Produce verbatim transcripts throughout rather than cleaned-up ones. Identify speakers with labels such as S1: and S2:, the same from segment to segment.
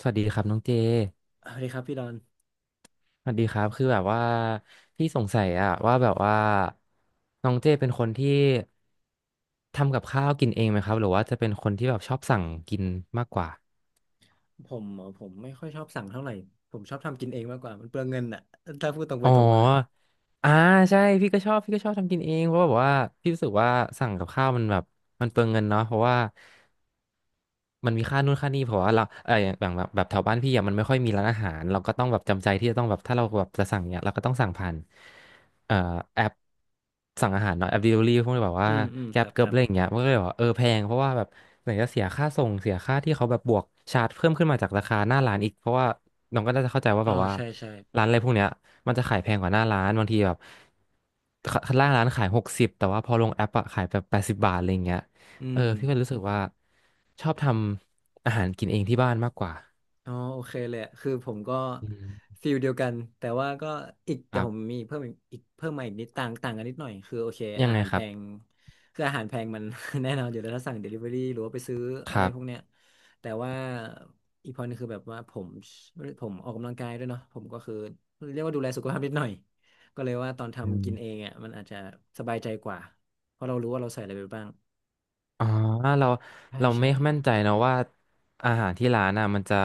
S1: สวัสดีครับน้องเจ
S2: สวัสดีครับพี่ดอน
S1: สวัสดีครับคือแบบว่าพี่สงสัยอะว่าแบบว่าน้องเจเป็นคนที่ทำกับข้าวกินเองไหมครับหรือว่าจะเป็นคนที่แบบชอบสั่งกินมากกว่า
S2: ผมเหรอผมไม่ค่อยชอบสั่งเท่าไหร่ ผมชอบทำกินเองมากกว่ามันเปลืองเงินอ่ะถ้าพูดตรงไป
S1: อ๋อ
S2: ตรงมา
S1: อ่าใช่พี่ก็ชอบพี่ก็ชอบทำกินเองเพราะแบบว่าพี่รู้สึกว่าสั่งกับข้าวมันแบบมันเปลืองเงินเนาะเพราะว่า มันมีค่านู่นค่านี่เพราะว่าเราเอออย่างแบบแบบแบบแถวบ้านพี่อะมันไม่ค่อยมีร้านอาหารเราก็ต้องแบบจำใจที่จะต้องแบบถ้าเราแบบจะสั่งเนี่ยเราก็ต้องสั่งผ่านเอ่อแอปสั่งอาหารเนาะแอป delivery พวกนี้แบบ
S2: อื
S1: ว่า
S2: มอืมค
S1: Grab
S2: รับ
S1: เกิ
S2: ค
S1: ร์บ
S2: รั
S1: อะ
S2: บ
S1: ไรอย่างเงี้ยมันก็เลยบอกว่าเออแพงเพราะว่าแบบไหนจะเสียค่าส่งเสียค่าที่เขาแบบบวกชาร์จเพิ่มขึ้นมาจากราคาหน้าร้านอีกเพราะว่าน้องก็น่าจะเข้าใจว่า
S2: อ๋อ
S1: แบบว่า
S2: ใช่ใช่
S1: ร้านอะไรพวกเนี้ยมันจะขายแพงกว่าหน้าร้านบางทีแบบข้างล่างร้านขายหกสิบแต่ว่าพอลงแอปอะขายแบบแปดสิบบาทอะไรอย่างเงี้ย
S2: อื
S1: เออ
S2: ม
S1: พี่ก็รู้สึกว่าชอบทำอาหารกินเองที่บ้านมากกว่า
S2: อ๋อโอเคเลยอะคือผมก็
S1: อืม
S2: ฟิลเดียวกันแต่ว่าก็อีก
S1: ค
S2: แต่
S1: รั
S2: ผม
S1: บ
S2: มีเพิ่มอีกอีกเพิ่มมาอีกนิดต่างต่างกันนิดหน่อยคือโอเค
S1: ยัง
S2: อา
S1: ไง
S2: หาร
S1: ค
S2: แพ
S1: รับ
S2: งคืออาหารแพงมัน แน่นอนอยู่แล้วถ้าสั่ง Delivery หรือว่าไปซื้อ
S1: ค
S2: อะไร
S1: รั
S2: พวก
S1: บ
S2: เนี้ยแต่ว่าอีกพอนึงคือแบบว่าผมผมออกกำลังกายด้วยเนาะผมก็คือเรียกว่าดูแลสุขภาพนิดหน่อยก็เลยว่าตอน
S1: อื
S2: ทำ
S1: ม
S2: กินเองอ่ะมันอาจจะสบายใจกว่าเพราะเรารู้ว่าเราใส่อะไรไปบ้าง
S1: อ๋อเรา
S2: ใช่
S1: เรา
S2: ใช่
S1: ไม่มั่นใจนะว่าอาหารที่ร้านน่ะมันจะ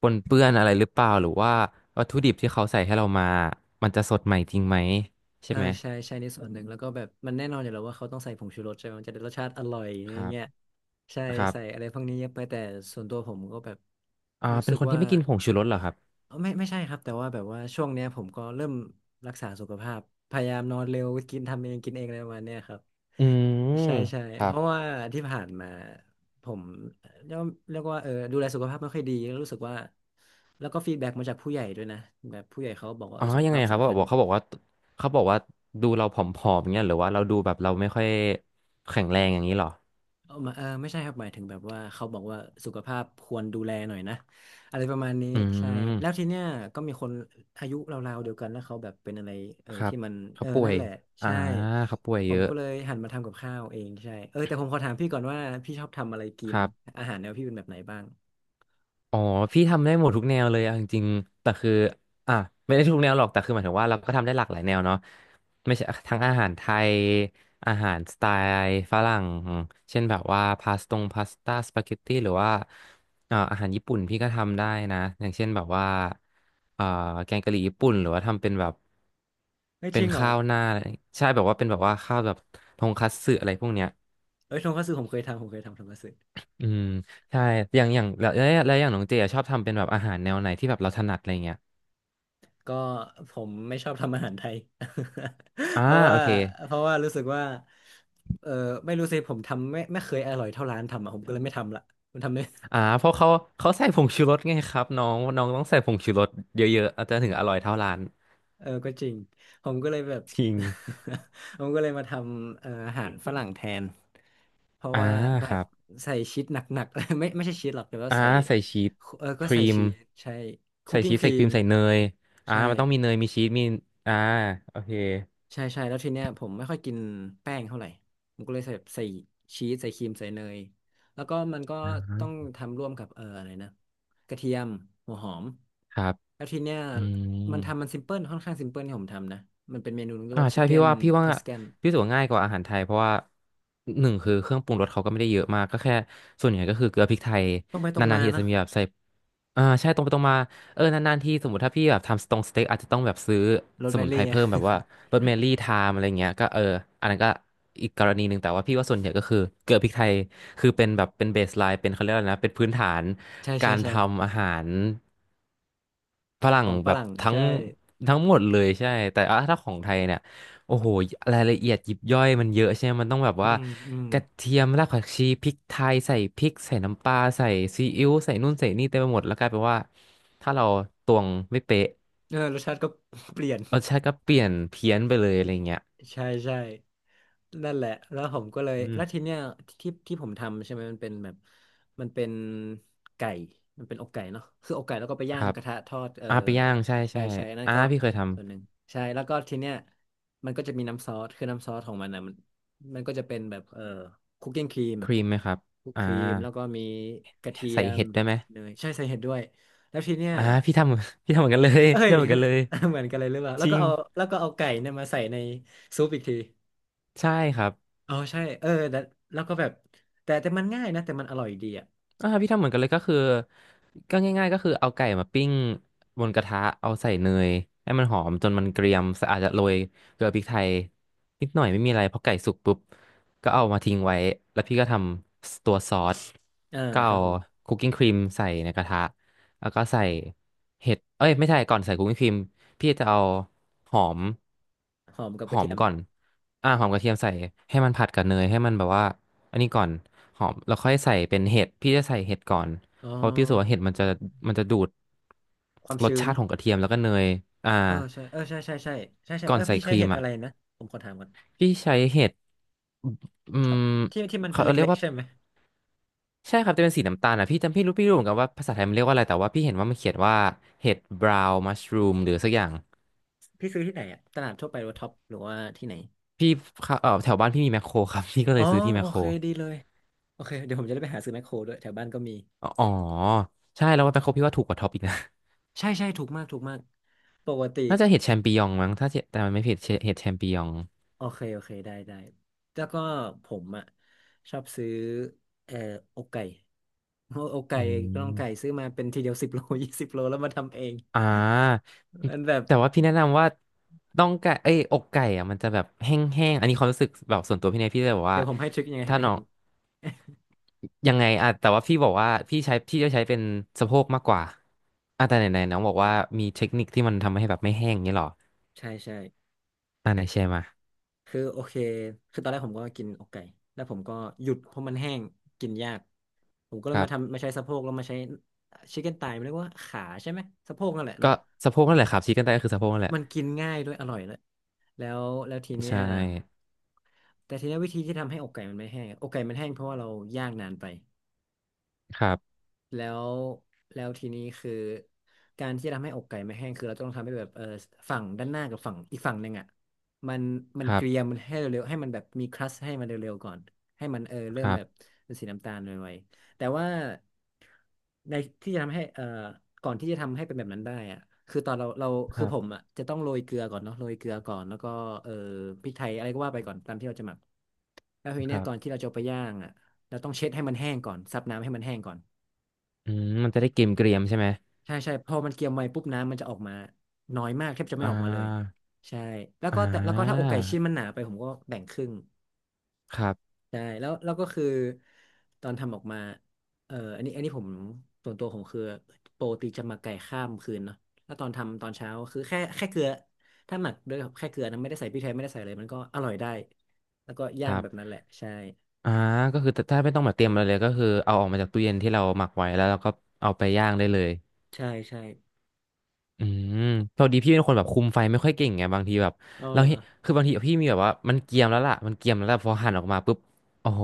S1: ปนเปื้อนอะไรหรือเปล่าหรือว่าวัตถุดิบที่เขาใส่ให้เรามามันจะสดใหม่จริงไหม
S2: เอ
S1: ใช่
S2: อ
S1: ไหม
S2: ใช่ใช่ในส่วนหนึ่งแล้วก็แบบมันแน่นอนอยู่แล้วว่าเขาต้องใส่ผงชูรสใช่ไหมมันจะได้รสชาติอร่อย
S1: ค
S2: อย่า
S1: รั
S2: งเงี้ย
S1: บ
S2: ใช่
S1: ครั
S2: ใส่
S1: บ
S2: อะไรพวกนี้เยอะไปแต่ส่วนตัวผมก็แบบ
S1: อ่า
S2: รู้
S1: เป็
S2: สึ
S1: น
S2: ก
S1: คนที่
S2: ว่า
S1: ไม่กินผงชูรสเหรอครับ
S2: เอ้อไม่ไม่ใช่ครับแต่ว่าแบบว่าช่วงเนี้ยผมก็เริ่มรักษาสุขภาพพยายามนอนเร็วกินทำเองกินเองอะไรประมาณเนี้ยครับ
S1: อืม
S2: ใช่ใช่
S1: ครั
S2: เพ
S1: บ
S2: ราะว่าที่ผ่านมาผมเรียกว่าเรียกว่าเออดูแลสุขภาพไม่ค่อยดีแล้วรู้สึกว่าแล้วก็ฟีดแบ็กมาจากผู้ใหญ่ด้วยนะแบบผู้ใหญ่เขาบอกว่า
S1: อ๋
S2: เอ
S1: อ
S2: อสุข
S1: ยังไง
S2: ภาพ
S1: ครับบ
S2: สำ
S1: อ
S2: คั
S1: ก
S2: ญ
S1: บอกเขาบอกว่าเขาบอกว่าดูเราผอมๆอย่างเงี้ยหรือว่าเราดูแบบเราไม่ค่อยแข็งแรงอย่างนี้เหรอ
S2: เออมาเออไม่ใช่ครับหมายถึงแบบว่าเขาบอกว่าสุขภาพควรดูแลหน่อยนะอะไรประมาณนี้
S1: อื
S2: ใช่แล้วที
S1: ม
S2: เนี้ยก็มีคนอายุราวๆเดียวกันแล้วเขาแบบเป็นอะไรเออ
S1: ครั
S2: ที่
S1: บ
S2: มันเอ
S1: เขา
S2: อ
S1: ป่ว
S2: นั่น
S1: ย
S2: แหละ
S1: อ่า
S2: ใช่
S1: เขาป่วย
S2: ผ
S1: เย
S2: ม
S1: อะ
S2: ก็เลยหันมาทำกับข้าวเองใช่เออแต่ผมขอถามพี่ก่อนว่าพี่ชอบทำอะไรกิ
S1: ค
S2: น
S1: รับ
S2: อาหารแนวพี่เป็นแบบไหนบ้าง
S1: อ๋อพี่ทำได้หมดทุกแนวเลยเอาจริงๆแต่คืออ่ะไม่ได้ทุกแนวหรอกแต่คือหมายถึงว่าเราก็ทำได้หลากหลายแนวเนาะไม่ใช่ทั้งอาหารไทยอาหารสไตล์ฝรั่งเช่นแบบว่าพาสตงพาสต้าสปาเกตตี้หรือว่าเอ่ออาหารญี่ปุ่นพี่ก็ทำได้นะอย่างเช่นแบบว่าเอ่อแกงกะหรี่ญี่ปุ่นหรือว่าทำเป็นแบบ
S2: เฮ้ย
S1: เป็
S2: จ
S1: น
S2: ริงเหรอ
S1: ข้าวหน้าใช่แบบว่าเป็นแบบว่าข้าวแบบทงคัตสึอะไรพวกเนี้ย
S2: เอ้ยทงคัตสึผมเคยทำผมเคยทำทงคัตสึ
S1: อืมใช่อย่างอย่างแล้วแล้วอย่างน้องเจอะชอบทำเป็นแบบอาหารแนวไหนที่แบบเราถนัดอะไรเงี้ย
S2: ก็ผมไม่ชอบทำอาหารไทย
S1: อ่า
S2: เพราะ
S1: โอ
S2: ว่า
S1: เค
S2: เพราะว่ารู้สึกว่าเออไม่รู้สิผมทำไม่ไม่เคยอร่อยเท่าร้านทำอ่ะผมก็เลยไม่ทำละผมทำไม่
S1: อ่าเพราะเขาเขาใส่ผงชูรสไงครับน้องน้องต้องใส่ผงชูรสเยอะๆอาจจะถึงอร่อยเท่าร้าน
S2: เออก็จริงผมก็เลยแบบ
S1: จริง
S2: ผมก็เลยมาทำเอ่ออาหารฝรั่งแทนเพราะ
S1: อ่า
S2: ว่าแบ
S1: ค
S2: บ
S1: รับ
S2: ใส่ชีสหนักๆ ไม่ไม่ใช่ชีสหรอกแต่ว่า
S1: อ่า
S2: ใส่
S1: ใส่ชีส
S2: เออ
S1: ค
S2: ก็
S1: รี
S2: ใส่
S1: ม
S2: ชีสใช่คุ
S1: ใส่
S2: กกิ้ง
S1: ชีส
S2: ค
S1: ใส่
S2: รี
S1: ครี
S2: ม
S1: มใส่เนยอ่า
S2: ใช่
S1: มันต้องมีเนยมีชีสมีอ่าโอเค
S2: ใช่ใช่แล้วทีเนี้ยผมไม่ค่อยกินแป้งเท่าไหร่ผมก็เลยใส่ใส่ชีสใส่ครีมใส่เนยแล้วก็มันก็ต้อง
S1: อ่า
S2: ทำร่วมกับเอออะไรนะกระเทียมหัวหอม
S1: ครับ
S2: แล้วทีเนี้ย
S1: อื
S2: มันทำมัน
S1: ม
S2: ซิมเพิลค่อนข้างซิมเพิลที่ผมทำนะมันเป็นเมนูเรียก
S1: อ่า
S2: ว่าชิ
S1: ใช่
S2: คเก้
S1: พี่
S2: น
S1: ว่าพี่ว่า
S2: ทัส a กน
S1: พี่รู้สึกว่าง่ายกว่าอาหารไทยเพราะว่าหนึ่งคือเครื่องปรุงรสเขาก็ไม่ได้เยอะมากก็แค่ส่วนใหญ่ก็คือเกลือพริกไทย
S2: ต้องไปตร
S1: นา
S2: ง
S1: น
S2: มา
S1: ๆทีอาจ
S2: นะ
S1: จะมีแบบใส่อ่าใช่ตรงไปตรงมาเออนานๆทีสมมติถ้าพี่แบบทำสตงสเต็กอาจจะต้องแบบซื้อ
S2: โรส
S1: ส
S2: แม
S1: มุนไพร
S2: รี่อะ
S1: เพิ่มแบบว่าโรสแมรี่ไทม์อะไรเงี้ยก็เอออันนั้นก็อีกกรณีหนึ่งแต่ว่าพี่ว่าส่วนใหญ่ก็คือเกลือพริกไทยคือเป็นแบบเป็นเบสไลน์เป็นเขาเรียกอะไรนะเป็นพื้นฐาน
S2: ใช่
S1: กา
S2: ใช่
S1: รท
S2: ใช่
S1: ำอาหาร ฝรั่
S2: ข
S1: ง
S2: องฝ
S1: แบบ
S2: รั่ง
S1: ทั้ง
S2: ใช่
S1: ทั้งหมดเลยใช่แต่อ่ะถ้าของไทยเนี่ยโอ้โหรายละเอียดยิบย่อยมันเยอะใช่ไหมมันต้องแบบ
S2: อื
S1: ว่า
S2: มอืม
S1: กระเทียมรากผักชีพริกไทยใส่พริกใส่น้ำปลาใส่ซีอิ๊วใส่นู่นใส่นี่เต็มไปหมดแล้วกลายเป็นว่าถ้าเราตวงไม่เป๊ะ
S2: เออรสชาติก็ เปลี่ยน
S1: รสชาติก็เปลี่ยนเพี้ยนไปเลยอะไรเงี้ย
S2: ใช่ใช่ นั่นแหละ แล้วผมก็เลย
S1: อืม
S2: แล้วทีเนี้ยที่ที่ผมทำใช่ไหมมันเป็นแบบมันเป็นไก่มันเป็นอกไก่เนาะคืออกไก่แล้วก็ไป
S1: ค
S2: ย่าง
S1: รับ
S2: กระทะทอดเออ
S1: อ่าไปย่างใช่
S2: ใช่
S1: ใช่
S2: ใช่นั่น
S1: อ่า
S2: ก็
S1: พี่เคยท
S2: ส่วนหนึ่งใช่แล้วก็ทีเนี้ยมันก็จะมีน้ำซอสคือน้ำซอสของมันอ่ะมันมันก็จะเป็นแบบเออคุกกิ้งครีม
S1: ำครีมไหมครับ
S2: คุกค
S1: อ่า
S2: รีมแล้วก็มีกระเที
S1: ใส่
S2: ยม
S1: เห็ดได้ไหม
S2: เนยใช่ใส่เห็ดด้วยแล้วทีเนี้ย
S1: อ่าพี่ทำ พี่ทำเหมือนกันเลย
S2: เอ้
S1: พี่
S2: ย
S1: ทำเหมือนกันเลย
S2: เหมือนกันเลยหรือเปล่าแล้
S1: จ
S2: ว
S1: ริ
S2: ก็
S1: ง
S2: เอาแล้วก็เอาไก่เนี่ยมาใส่ในซุปอีกที
S1: ใช่ครับ
S2: อ๋อใช่เออแต่แล้วก็แบบแต่แต่มันง่ายนะแต่มันอร่อยดีอ่ะ
S1: อ่าพี่ทำเหมือนกันเลยก็คือก็ง่ายๆก็คือเอาไก่มาปิ้งบนกระทะเอาใส่เนยให้มันหอมจนมันเกรียมสะอาจจะโรยเกลือพริกไทยนิดหน่อยไม่มีอะไรพอไก่สุกปุ๊บก็เอามาทิ้งไว้แล้วพี่ก็ทำตัวซอส
S2: เออ
S1: ก็
S2: ค
S1: เอา
S2: รับผม
S1: คุกกิ้งครีมใส่ในกระทะ แล้วก็ใส่เห็ดเอ้ยไม่ใช่ก่อนใส่คุกกิ้งครีมพี่จะเอาหอม
S2: หอมกับ
S1: ห
S2: ก
S1: อ
S2: ระเที
S1: ม
S2: ยม
S1: ก่อ
S2: นะ
S1: นอ่าหอมกระเทียมใส่ให้มันผัดกับเนยให้มันแบบว่าอันนี้ก่อนหอมแล้วค่อยใส่เป็นเห็ดพี่จะใส่เห็ดก่อน
S2: อ๋อ
S1: เพราะพี่รู้สึกว่าเห็ดมันจะมันจะดูด
S2: ความ
S1: รส
S2: ชื้น
S1: ชาติของกระเทียมแล้วก็เนยอ่า
S2: เออใช่เออใช่ใช่ใช่ใช่ใช่
S1: ก่อ
S2: เอ
S1: น
S2: อ
S1: ใส่
S2: พี่
S1: ค
S2: ใช้
S1: รี
S2: เห็
S1: ม
S2: ด
S1: อ่ะ
S2: อะไรนะผมขอถามก่อน
S1: พี่ใช้เห็ดอื
S2: ทอ
S1: ม
S2: ปที่ที่มัน
S1: เขา
S2: เป็น
S1: เรีย
S2: เล็
S1: ก
S2: ก
S1: ว่า
S2: ๆใช่ไหม
S1: ใช่ครับจะเป็นสีน้ำตาลอ่ะพี่จำพี่รู้พี่รู้เหมือนกันว่าภาษาไทยมันเรียกว่าอะไรแต่ว่าพี่เห็นว่ามันเขียนว่าเห็ดบราวน์มัชรูมหรือสักอย่าง
S2: พี่ซื้อที่ไหนอ่ะตลาดทั่วไปหรือว่าท็อปหรือว่าที่ไหน
S1: พี่เข้าเออแถวบ้านพี่มีแมคโครครับ พี่ก็
S2: อ๋
S1: เล
S2: อ
S1: ยซื้อที่แม
S2: โอ
S1: คโคร
S2: เคดีเลยโอเคเดี๋ยวผมจะได้ไปหาซื้อแมคโครด้วยแถวบ้านก็มี
S1: อ๋อใช่แล้วว่าแมคโครพี่ว่าถูกกว่าท็อปอีกนะ
S2: ใช่ใช่ถูกมากถูกมากปกติ
S1: น่าจะเห็ดแชมปิญองมั้งถ้าเจแต่มันไม่ผิดเห็ดแชมปิญอง
S2: โอเคโอเคได้ได้แล้วก็ผมอ่ะชอบซื้อเอ่ออกไก่ โออกไก่
S1: อื
S2: ก็ต้องไก่
S1: ม
S2: ซื้อมาเป็นทีเดียวสิบโล ยี่สิบโลแล้วมาทำเอง
S1: อ่า
S2: มันแบบ
S1: แต่ว่าพี่แนะนำว่าต้องไก่เอ้ยอกไก่อ่ะมันจะแบบแห้งๆอันนี้ความรู้สึกแบบส่วนตัวพี่เนี่ยพี่เลยบอก
S2: เดี๋
S1: ว่า
S2: ยวผมให้ทริคยังไงให้
S1: ถ้า
S2: ไหม
S1: น้อ
S2: แห้
S1: ง
S2: ง
S1: ยังไงอ่ะแต่ว่าพี่บอกว่าพี่ใช้พี่จะใช้เป็นสะโพกมากกว่าอ่ะแต่ไหนๆน้องบอกว่ามีเทคนิคที่มันทำให้แบบไม่แห้งอย่างนี่หรอ
S2: ใช่ใช่
S1: อ่ะไหนแชร์มา
S2: คือโอเคคือตอนแรกผมก็กินอกไก่แล้วผมก็หยุดเพราะมันแห้งกินยากผมก็เล
S1: ค
S2: ย
S1: รั
S2: มาทำ
S1: บ
S2: มาใช้สะโพกแล้วมาใช้ชิคเก้นไตมันเรียกว่าขาใช่ไหมสะโพกนั่นแหละ
S1: ก็
S2: เนาะ
S1: สะโพกนั่นแหละครับชี้กันได้ก็คือสะโพกนั่นแหละ
S2: มันกินง่ายด้วยอร่อยเลยแล้วแล้วทีเนี้
S1: ใช่
S2: ย แต่ทีนี้วิธีที่ทำให้อกไก่มันไม่แห้งอะอกไก่มันแห้งเพราะว่าเราย่างนานไป
S1: ครับ
S2: แล้วแล้วทีนี้คือการที่จะทำให้อกไก่ไม่แห้งคือเราต้องทำให้แบบเออฝั่งด้านหน้ากับฝั่งอีกฝั่งหนึ่งอ่ะมันมัน
S1: ครั
S2: เกรียม
S1: บ
S2: มันให้เร็วๆให้มันแบบมีครัสให้มันเร็วๆก่อนให้มันเออเริ่
S1: ค
S2: ม
S1: รั
S2: แบบ
S1: บ
S2: เป็นสีน้ำตาลไวๆแต่ว่าในที่จะทำให้เออก่อนที่จะทำให้เป็นแบบนั้นได้อ่ะคือตอนเราเรา
S1: ค
S2: คือ
S1: รั
S2: ผม
S1: บ
S2: อ่ะจะต้องโรยเกลือก่อนเนาะโรยเกลือก่อนแล้วก็เออพริกไทยอะไรก็ว่าไปก่อนตามที่เราจะหมักแล้วที
S1: ค
S2: เนี้ย
S1: รั
S2: ก่อน
S1: บ
S2: ที่เราจะเอาไปย่างอ่ะเราต้องเช็ดให้มันแห้งก่อนซับน้ำให้มันแห้งก่อน
S1: อืมมันจะได้เกรมเกรียมๆใช่ไหม
S2: ใช่ใช่พอมันเกียมไวปุ๊บน้ำมันจะออกมาน้อยมากแทบจะ
S1: อ่
S2: ไม่ออกมาเลย
S1: า
S2: ใช่แล้ว
S1: อ่
S2: ก็แต่แล้วก็ถ้าอก
S1: า
S2: ไก่ชิ้นมันหนาไปผมก็แบ่งครึ่ง
S1: ครับ
S2: ใช่แล้วแล้วก็คือตอนทำออกมาเอ่ออันนี้อันนี้ผมส่วนตัวผมคือโปรตีจะหมักไก่ข้ามคืนเนาะแล้วตอนทำตอนเช้าคือแค่แค่เกลือถ้าหมักด้วยแค่เกลือนะไม่ได้ใส่พริกไทยไม่ได้ใส่อะไรมันก็อร่อยได้แล้วก็
S1: ค
S2: ย่าง
S1: รั
S2: แบบนั้
S1: บ
S2: นแหละใช่
S1: อ่าก็คือถ้าไม่ต้องมาเตรียมอะไรเลยก็คือเอาออกมาจากตู้เย็นที่เราหมักไว้แล้วเราก็เอาไปย่างได้เลย
S2: ใช่ใช่
S1: อืมพอดีพี่เป็นคนแบบคุมไฟไม่ค่อยเก่งไงบางทีแบบ
S2: อ๋อ
S1: เรา
S2: เหรอ
S1: เห็นคือบางทีพี่มีแบบว่ามันเกรียมแล้วล่ะมันเกรียมแล้วล่ะพอหั่นออกมาปุ๊บโอ้โห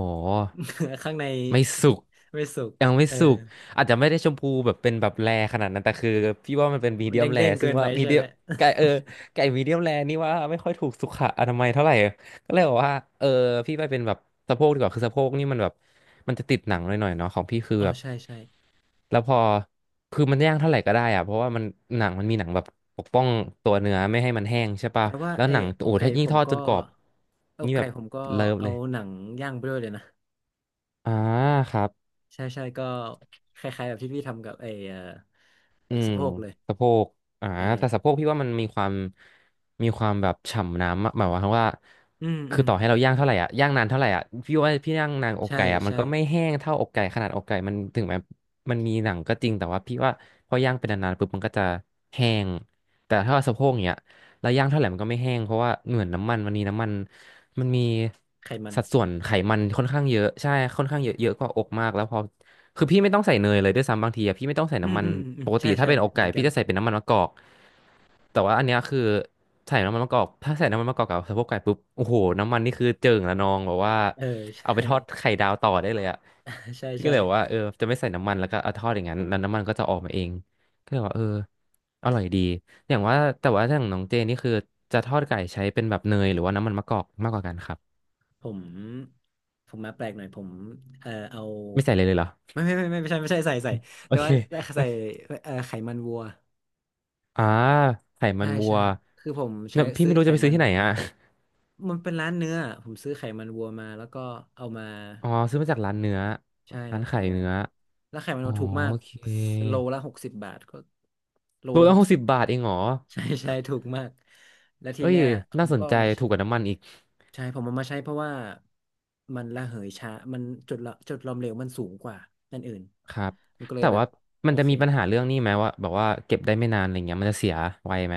S2: ข้างใน
S1: ไม่สุก
S2: ไม่สุก
S1: ยังไม่
S2: เออ
S1: สุกอาจจะไม่ได้ชมพูแบบเป็นแบบแรขนาดนั้นแต่คือพี่ว่ามันเป็นมี
S2: มัน
S1: เดียมแร
S2: เด้งๆเกิ
S1: ซึ่ง
S2: นไป
S1: ว่ามี
S2: ใช่
S1: เดี
S2: ไห
S1: ย
S2: ม
S1: มไก่เออไก่มีเดียมแรนี่ว่าไม่ค่อยถูกสุขอนามัยเท่าไหร่ ก็เลยบอกว่าเออพี่ไปเป็นแบบสะโพกดีกว่าคือสะโพกนี่มันแบบมันจะติดหนังหน่อยๆเนาะของพี่คือ
S2: อ๋อ
S1: แบบ
S2: ใช่ใช่
S1: แล้วพอคือมันย่างเท่าไหร่ก็ได้อะเพราะว่ามันหนังมันมีหนังแบบปกป้องตัวเนื้อไม่ให้มันแห้งใช่ปะ
S2: แต่ว่า
S1: แล้ว
S2: ไอ้
S1: หนัง
S2: อ
S1: โอ้
S2: กไก่
S1: ถ้ายิ่
S2: ผ
S1: งท
S2: ม
S1: อด
S2: ก็
S1: จนกรอบ
S2: อก
S1: นี่แบ
S2: ไก่
S1: บ
S2: ผมก็
S1: เลิฟ
S2: เอา
S1: เลย
S2: หนังย่างไปด้วยเลยนะ
S1: อ่าครับ
S2: ใช่ใช่ก็คล้ายๆแบบที่พี่ทำกับไอ้เอ่อ
S1: อืม
S2: สะโพกเลย
S1: สะโพกอ่า
S2: ใช่
S1: แต่สะโพกพี่ว่ามันมีความมีความแบบฉ่ำน้ำอะหมายความว่า
S2: อืมอื
S1: คือ
S2: ม
S1: ต่อให้เรา
S2: อื
S1: ย่าง
S2: ม
S1: เท่าไหร่อ่ะย่างนานเท่าไหร่อ่ะพี่ว่าพี่ย่างนานอก
S2: ใช่
S1: ไก่อ่ะมัน
S2: ใช่
S1: ก็ไม่แห้งเท่าอกไก่ขนาดอกไก่มันถึงแม้มันมีหนังก็จริงแต่ว่าพี่ว่าพอย่างเป็นนานๆปุ๊บมันก็จะแห้งแต่ถ้าว่าสะโพกเนี้ยเราย่างเท่าไหร่มันก็ไม่แห้งเพราะว่าเหมือนน้ำมันมันมีน้ำมันมันมี
S2: ไขมัน
S1: สัดส่วนไขมันค่อนข้างเยอะใช่ค่อนข้างเยอะเยอะกว่าอกมากแล้วพอ คือพี่ไม่ต้องใส่เนยเลยด้วยซ้ำบางทีอะพี่ไม่ต้องใส่
S2: อืม
S1: น้ำมัน
S2: อืมอืมอื
S1: ป
S2: ม
S1: ก
S2: ใช่
S1: ติถ้า
S2: ใช่
S1: เป็นอก
S2: เหมื
S1: ไก่
S2: อนกั
S1: พี่
S2: น
S1: จะใส่เป็นน้ำมันมะกอกแต่ว่าอันเนี้ยคือใส่น้ำมันมะกอกถ้าใส่น้ำมันมะกอกกับสะโพกไก่ปุ๊บโอ้โหน้ำมันนี่คือเจิ่งละนองแบบว่า
S2: เออ
S1: เอา
S2: ใช่
S1: ไปทอดไข่ดาวต่อได้เลยอะ
S2: ใช่
S1: พี่ก็
S2: ใช่
S1: เลยบอกว่าเออจะไม่ใส่น้ำมันแล้วก็เอาทอดอย่างนั้นแล้วน้ำมันก็จะออกมาเองก็เลยว่าเอออร่อยดีอย่างว่าแต่ว่าอย่างน้องเจนี่คือจะทอดไก่ใช้เป็นแบบเนยหรือว่าน้ำมันมะกอกมากกว่ากันครับ
S2: ผมผมมาแปลกหน่อยผมเออเอา
S1: ไม่ใส่เลยเลยเหรอ
S2: ไม่ไม่ไม่ไม่ไม่ใช่ไม่ใช่ใส่ใส่
S1: โอ
S2: แต่
S1: เค
S2: ว่าใส่เออไขมันวัว
S1: อ่าไขมั
S2: ใช่
S1: นวั
S2: ใช่
S1: ว
S2: คือผม
S1: เนี่
S2: ใช้
S1: ยพี่
S2: ซื้
S1: ไม่
S2: อ
S1: รู้
S2: ไข
S1: จะไปซื้
S2: มั
S1: อ
S2: น
S1: ที่ไหนอ่ะ
S2: มันเป็นร้านเนื้อผมซื้อไขมันวัวมาแล้วก็เอามา
S1: อ๋อซื้อมาจากร้านเนื้อ
S2: ใช่
S1: ร้า
S2: ร้า
S1: น
S2: นไข่
S1: ขาย
S2: เนื้อ
S1: เนื้อ
S2: แล้วไข่มัน
S1: อ๋อ
S2: วัวถูกมา
S1: โอ
S2: ก
S1: เค
S2: โลละหกสิบบาทก็โล
S1: โล
S2: ละ
S1: ละ
S2: หก
S1: หก
S2: สิ
S1: สิ
S2: บ
S1: บบาทเองเหรอ
S2: ใช่ใช่ถูกมากแล้วที
S1: เอ้ย
S2: เนี้ยผ
S1: น่า
S2: ม
S1: ส
S2: ก็
S1: นใจ
S2: เอามา
S1: ถู
S2: ใช้
S1: กกว่าน้ำมันอีก
S2: ใช่ผมเอามาใช้เพราะว่ามันระเหยช้ามันจุดละจุดหลอมเหลวมันสูงกว่านั่นอื่น
S1: ครับ
S2: มันก็เลย
S1: แต่
S2: แบบ
S1: ว่ามั
S2: โอ
S1: นจะ
S2: เค
S1: มีปัญหาเรื่องนี้ไหมว่าแบบว่าเก็บได้ไม่นานอะไรเงี้ยมันจะเสียไวไหม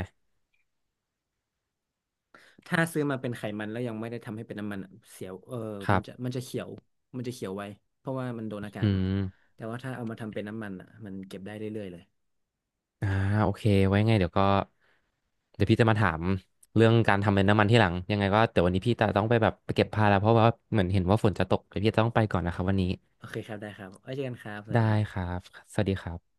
S2: ถ้าซื้อมาเป็นไขมันแล้วยังไม่ได้ทำให้เป็นน้ำมันอะเสียวเออ
S1: ค
S2: มั
S1: รั
S2: นจะ
S1: บ
S2: มันจะเขียวมันจะเขียวไว้เพราะว่ามันโดนอากา
S1: อื
S2: ศเนาะ
S1: ม
S2: แต่ว่าถ้าเอามาทำเป็นน้ำมันอ่ะมันเก็บได้เรื่อยๆเลย
S1: อ่าโอเคไว้ไงเดี๋ยวก็เดี๋ยวพี่จะมาถามเรื่องการทำเป็นน้ำมันที่หลังยังไงก็เดี๋ยววันนี้พี่จะต้องไปแบบไปเก็บผ้าแล้วเพราะว่าเหมือนเห็นว่าฝนจะตกเดี๋ยวพี่จะต้องไปก่อนนะครับวันนี้
S2: โอเคครับได้ครับไว้เจอกันครับสวัส
S1: ได้
S2: ดีครับ
S1: ครับ สวัสดีครับ